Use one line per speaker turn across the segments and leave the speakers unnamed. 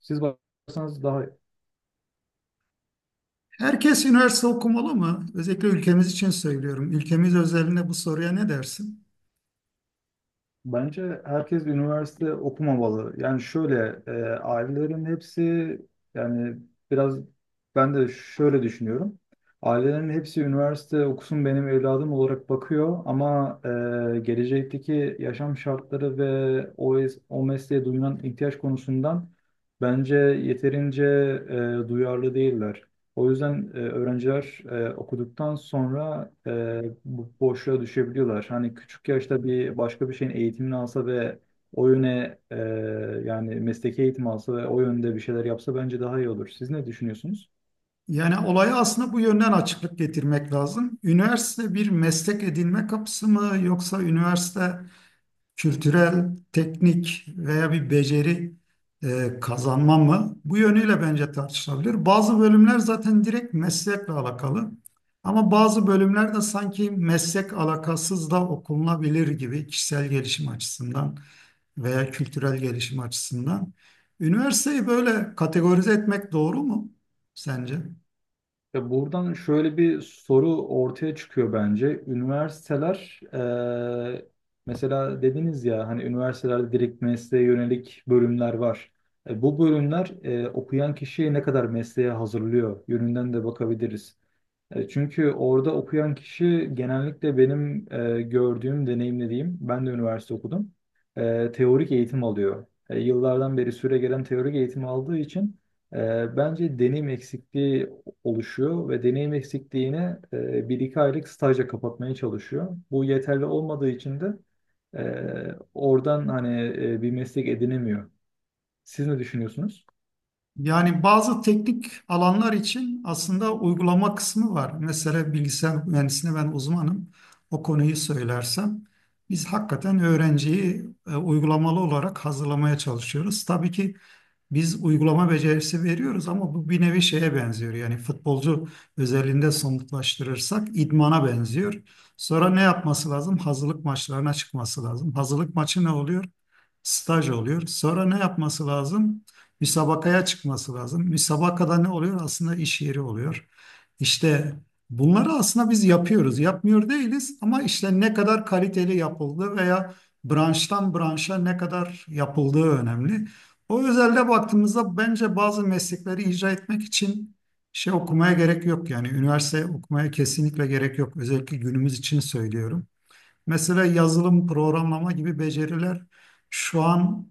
Siz bakarsanız daha
Herkes üniversite okumalı mı? Özellikle ülkemiz için söylüyorum. Ülkemiz özelinde bu soruya ne dersin?
bence herkes üniversite okumamalı. Yani ailelerin hepsi, yani biraz, ben de şöyle düşünüyorum. Ailelerin hepsi üniversite okusun benim evladım olarak bakıyor, ama gelecekteki yaşam şartları ve o mesleğe duyulan ihtiyaç konusundan bence yeterince duyarlı değiller. O yüzden öğrenciler okuduktan sonra bu boşluğa düşebiliyorlar. Hani küçük yaşta başka bir şeyin eğitimini alsa ve o yöne e, yani mesleki eğitim alsa ve o yönde bir şeyler yapsa bence daha iyi olur. Siz ne düşünüyorsunuz?
Yani olaya aslında bu yönden açıklık getirmek lazım. Üniversite bir meslek edinme kapısı mı yoksa üniversite kültürel, teknik veya bir beceri kazanma mı? Bu yönüyle bence tartışılabilir. Bazı bölümler zaten direkt meslekle alakalı. Ama bazı bölümler de sanki meslek alakasız da okunabilir gibi kişisel gelişim açısından veya kültürel gelişim açısından. Üniversiteyi böyle kategorize etmek doğru mu sence?
Ya buradan şöyle bir soru ortaya çıkıyor bence. E, mesela dediniz ya, hani üniversitelerde direkt mesleğe yönelik bölümler var. Bu bölümler okuyan kişiyi ne kadar mesleğe hazırlıyor yönünden de bakabiliriz. Çünkü orada okuyan kişi genellikle benim gördüğüm, deneyimlediğim, ben de üniversite okudum, teorik eğitim alıyor. Yıllardan beri süre gelen teorik eğitim aldığı için bence deneyim eksikliği oluşuyor ve deneyim eksikliğini bir iki aylık stajla kapatmaya çalışıyor. Bu yeterli olmadığı için de e, oradan hani bir meslek edinemiyor. Siz ne düşünüyorsunuz?
Yani bazı teknik alanlar için aslında uygulama kısmı var. Mesela bilgisayar mühendisliğine ben uzmanım. O konuyu söylersem biz hakikaten öğrenciyi uygulamalı olarak hazırlamaya çalışıyoruz. Tabii ki biz uygulama becerisi veriyoruz ama bu bir nevi şeye benziyor. Yani futbolcu özelliğinde somutlaştırırsak idmana benziyor. Sonra ne yapması lazım? Hazırlık maçlarına çıkması lazım. Hazırlık maçı ne oluyor? Staj oluyor. Sonra ne yapması lazım? Müsabakaya çıkması lazım. Müsabakada ne oluyor? Aslında iş yeri oluyor. İşte bunları aslında biz yapıyoruz. Yapmıyor değiliz ama işte ne kadar kaliteli yapıldı veya branştan branşa ne kadar yapıldığı önemli. O özelde baktığımızda bence bazı meslekleri icra etmek için şey okumaya gerek yok yani üniversite okumaya kesinlikle gerek yok özellikle günümüz için söylüyorum. Mesela yazılım, programlama gibi beceriler şu an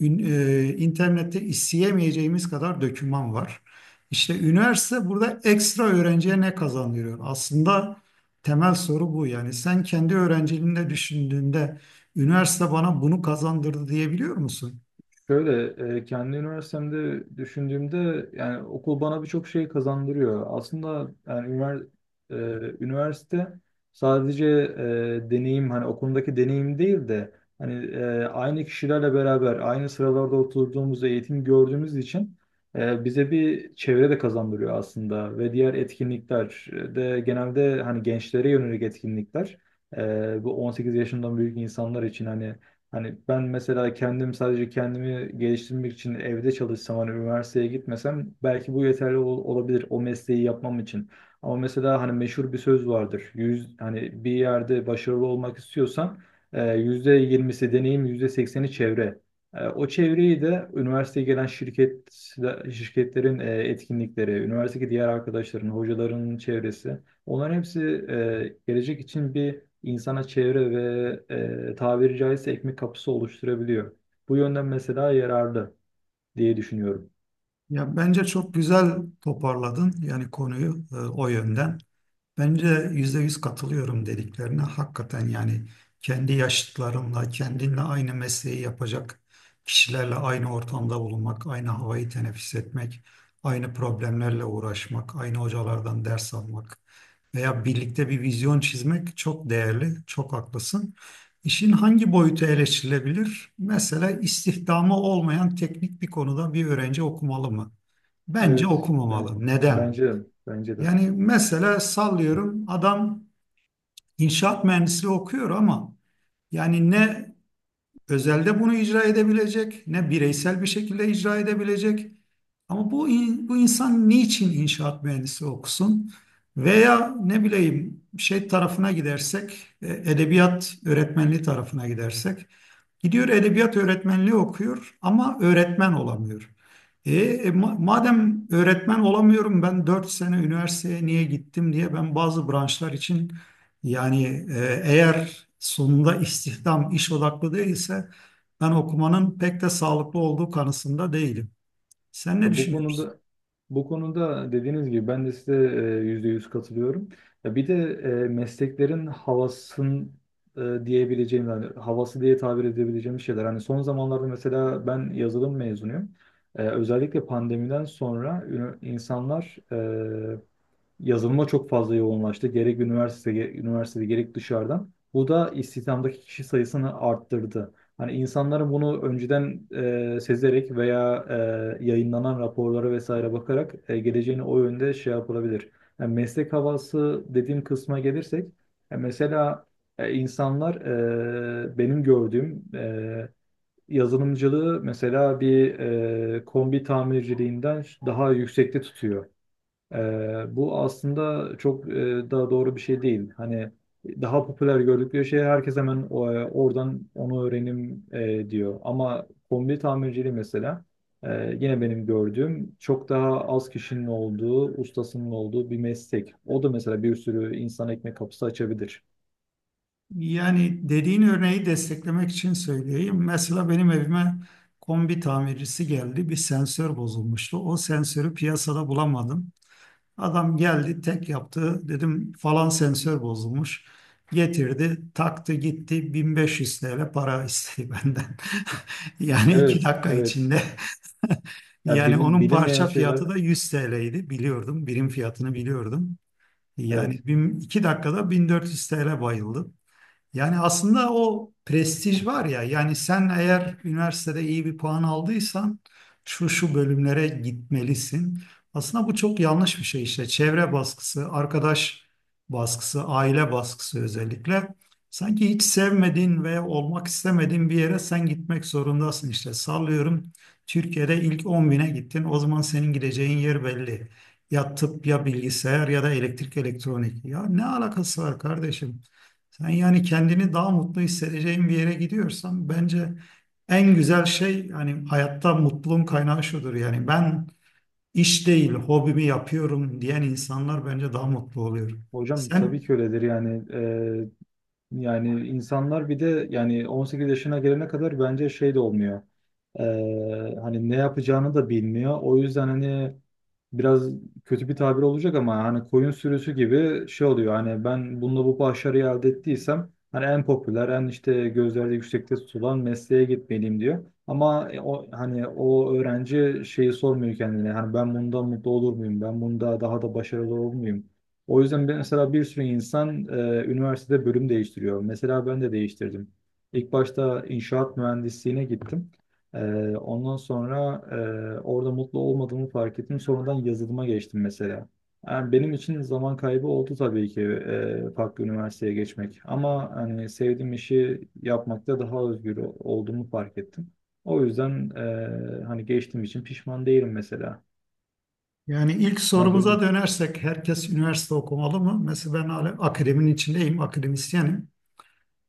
internette isteyemeyeceğimiz kadar döküman var. İşte üniversite burada ekstra öğrenciye ne kazandırıyor? Aslında temel soru bu yani sen kendi öğrenciliğinde düşündüğünde üniversite bana bunu kazandırdı diyebiliyor musun?
Şöyle Kendi üniversitemde düşündüğümde yani okul bana birçok şey kazandırıyor. Aslında yani üniversite sadece deneyim, hani okulundaki deneyim değil de, hani aynı kişilerle beraber aynı sıralarda oturduğumuz, eğitim gördüğümüz için bize bir çevre de kazandırıyor aslında ve diğer etkinlikler de genelde hani gençlere yönelik etkinlikler. Bu 18 yaşından büyük insanlar için hani, hani ben mesela kendim sadece kendimi geliştirmek için evde çalışsam, hani üniversiteye gitmesem belki bu yeterli olabilir o mesleği yapmam için. Ama mesela hani meşhur bir söz vardır. Yüz, hani bir yerde başarılı olmak istiyorsan yüzde yirmisi deneyim, yüzde sekseni çevre. O çevreyi de üniversiteye gelen şirketlerin etkinlikleri, üniversitedeki diğer arkadaşların, hocaların çevresi. Onların hepsi gelecek için bir insana çevre ve tabiri caizse ekmek kapısı oluşturabiliyor. Bu yönden mesela yararlı diye düşünüyorum.
Ya bence çok güzel toparladın yani konuyu o yönden. Bence yüzde yüz katılıyorum dediklerine. Hakikaten yani kendi yaşıtlarımla, kendinle aynı mesleği yapacak kişilerle aynı ortamda bulunmak, aynı havayı teneffüs etmek, aynı problemlerle uğraşmak, aynı hocalardan ders almak veya birlikte bir vizyon çizmek çok değerli, çok haklısın. İşin hangi boyutu eleştirilebilir? Mesela istihdamı olmayan teknik bir konuda bir öğrenci okumalı mı? Bence
Evet,
okumamalı. Neden?
bence de, bence de.
Yani mesela sallıyorum adam inşaat mühendisliği okuyor ama yani ne özelde bunu icra edebilecek ne bireysel bir şekilde icra edebilecek. Ama bu bu insan niçin inşaat mühendisi okusun? Veya ne bileyim şey tarafına gidersek, edebiyat öğretmenliği tarafına gidersek, gidiyor edebiyat öğretmenliği okuyor ama öğretmen olamıyor. Madem öğretmen olamıyorum ben 4 sene üniversiteye niye gittim diye ben bazı branşlar için yani eğer sonunda istihdam iş odaklı değilse ben okumanın pek de sağlıklı olduğu kanısında değilim. Sen ne
Ya bu
düşünüyorsun?
konuda, bu konuda dediğiniz gibi ben de size %100 katılıyorum. Ya bir de mesleklerin e, diyebileceğim yani havası diye tabir edebileceğim şeyler. Hani son zamanlarda mesela ben yazılım mezunuyum. Özellikle pandemiden sonra insanlar yazılıma çok fazla yoğunlaştı. Gerek üniversite, üniversitede, gerek dışarıdan. Bu da istihdamdaki kişi sayısını arttırdı. Hani insanların bunu önceden sezerek veya yayınlanan raporlara vesaire bakarak geleceğini o yönde şey yapılabilir. Yani meslek havası dediğim kısma gelirsek, e, mesela e, insanlar e, benim gördüğüm e, yazılımcılığı mesela kombi tamirciliğinden daha yüksekte tutuyor. Bu aslında çok daha doğru bir şey değil. Hani daha popüler gördükleri şey herkes hemen oradan onu öğrenim diyor. Ama kombi tamirciliği mesela yine benim gördüğüm çok daha az kişinin olduğu, ustasının olduğu bir meslek. O da mesela bir sürü insan ekmek kapısı açabilir.
Yani dediğin örneği desteklemek için söyleyeyim. Mesela benim evime kombi tamircisi geldi. Bir sensör bozulmuştu. O sensörü piyasada bulamadım. Adam geldi tek yaptı. Dedim falan sensör bozulmuş. Getirdi, taktı gitti. 1500 TL para istedi benden. Yani iki
Evet,
dakika
evet.
içinde.
Ya
Yani
bilin,
onun
bilinmeyen
parça fiyatı
şeylerde.
da 100 TL'ydi. Biliyordum. Birim fiyatını biliyordum.
Evet.
Yani iki dakikada 1400 TL bayıldı. Yani aslında o prestij var ya yani sen eğer üniversitede iyi bir puan aldıysan şu şu bölümlere gitmelisin. Aslında bu çok yanlış bir şey işte çevre baskısı, arkadaş baskısı, aile baskısı özellikle. Sanki hiç sevmediğin ve olmak istemediğin bir yere sen gitmek zorundasın işte sallıyorum. Türkiye'de ilk 10 bine gittin o zaman senin gideceğin yer belli. Ya tıp ya bilgisayar ya da elektrik elektronik. Ya ne alakası var kardeşim? Sen yani kendini daha mutlu hissedeceğin bir yere gidiyorsan bence en güzel şey hani hayatta mutluluğun kaynağı şudur. Yani ben iş değil hobimi yapıyorum diyen insanlar bence daha mutlu oluyor.
Hocam
Sen
tabii ki öyledir yani. Yani insanlar bir de yani 18 yaşına gelene kadar bence şey de olmuyor. Hani ne yapacağını da bilmiyor. O yüzden hani biraz kötü bir tabir olacak ama hani koyun sürüsü gibi şey oluyor. Hani ben bununla bu başarıyı elde ettiysem, hani en popüler, en işte gözlerde yüksekte tutulan mesleğe gitmeliyim diyor. Ama o hani o öğrenci şeyi sormuyor kendine. Hani ben bundan mutlu olur muyum? Ben bunda daha da başarılı olur muyum? O yüzden mesela bir sürü insan üniversitede bölüm değiştiriyor. Mesela ben de değiştirdim. İlk başta inşaat mühendisliğine gittim. E, ondan sonra orada mutlu olmadığımı fark ettim. Sonradan yazılıma geçtim mesela. Yani benim için zaman kaybı oldu tabii ki, farklı üniversiteye geçmek. Ama hani sevdiğim işi yapmakta daha özgür olduğumu fark ettim. O yüzden hani geçtiğim için pişman değilim mesela.
Yani ilk
Ya böyle,
sorumuza dönersek herkes üniversite okumalı mı? Mesela ben hala akademinin içindeyim, akademisyenim.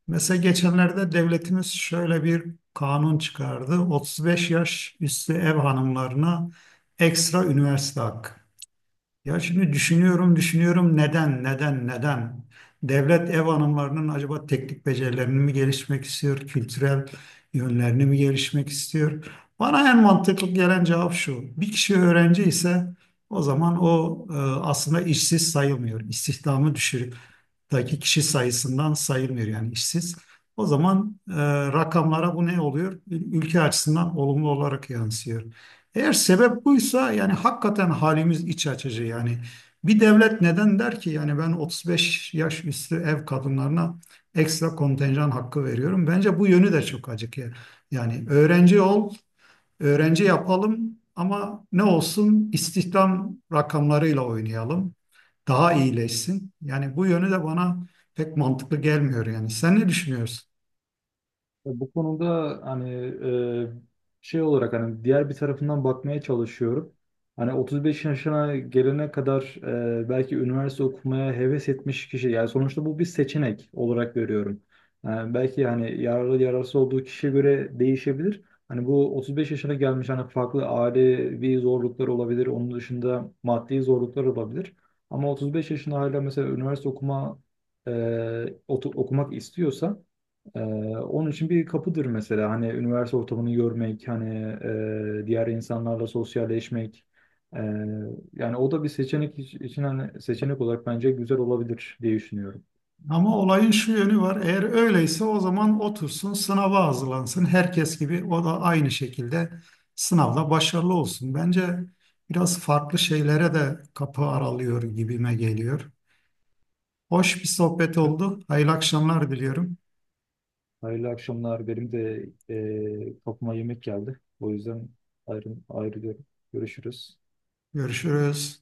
Mesela geçenlerde devletimiz şöyle bir kanun çıkardı. 35 yaş üstü ev hanımlarına ekstra üniversite hakkı. Ya şimdi düşünüyorum, düşünüyorum neden, neden, neden? Devlet ev hanımlarının acaba teknik becerilerini mi gelişmek istiyor, kültürel yönlerini mi gelişmek istiyor? Bana en mantıklı gelen cevap şu. Bir kişi öğrenci ise o zaman o aslında işsiz sayılmıyor. İstihdamı düşürükteki kişi sayısından sayılmıyor yani işsiz. O zaman rakamlara bu ne oluyor? Ülke açısından olumlu olarak yansıyor. Eğer sebep buysa yani hakikaten halimiz iç açıcı yani. Bir devlet neden der ki yani ben 35 yaş üstü ev kadınlarına ekstra kontenjan hakkı veriyorum. Bence bu yönü de çok acık ya. Yani öğrenci ol, öğrenci yapalım ama ne olsun istihdam rakamlarıyla oynayalım. Daha iyileşsin. Yani bu yönü de bana pek mantıklı gelmiyor yani. Sen ne düşünüyorsun?
ya bu konuda hani şey olarak hani diğer bir tarafından bakmaya çalışıyorum. Hani 35 yaşına gelene kadar belki üniversite okumaya heves etmiş kişi, yani sonuçta bu bir seçenek olarak görüyorum. Yani belki hani yararlı yararsız olduğu kişiye göre değişebilir. Hani bu 35 yaşına gelmiş, hani farklı ailevi zorluklar olabilir. Onun dışında maddi zorluklar olabilir. Ama 35 yaşında hala mesela üniversite e, okumak istiyorsa, ee, onun için bir kapıdır mesela, hani üniversite ortamını görmek, hani diğer insanlarla sosyalleşmek. Ee, Yani o da bir seçenek için, hani seçenek olarak bence güzel olabilir diye düşünüyorum.
Ama olayın şu yönü var. Eğer öyleyse o zaman otursun sınava hazırlansın. Herkes gibi o da aynı şekilde sınavda başarılı olsun. Bence biraz farklı şeylere de kapı aralıyor gibime geliyor. Hoş bir sohbet oldu. Hayırlı akşamlar diliyorum.
Hayırlı akşamlar. Benim de kapıma yemek geldi. O yüzden ayrılıyorum. Görüşürüz.
Görüşürüz.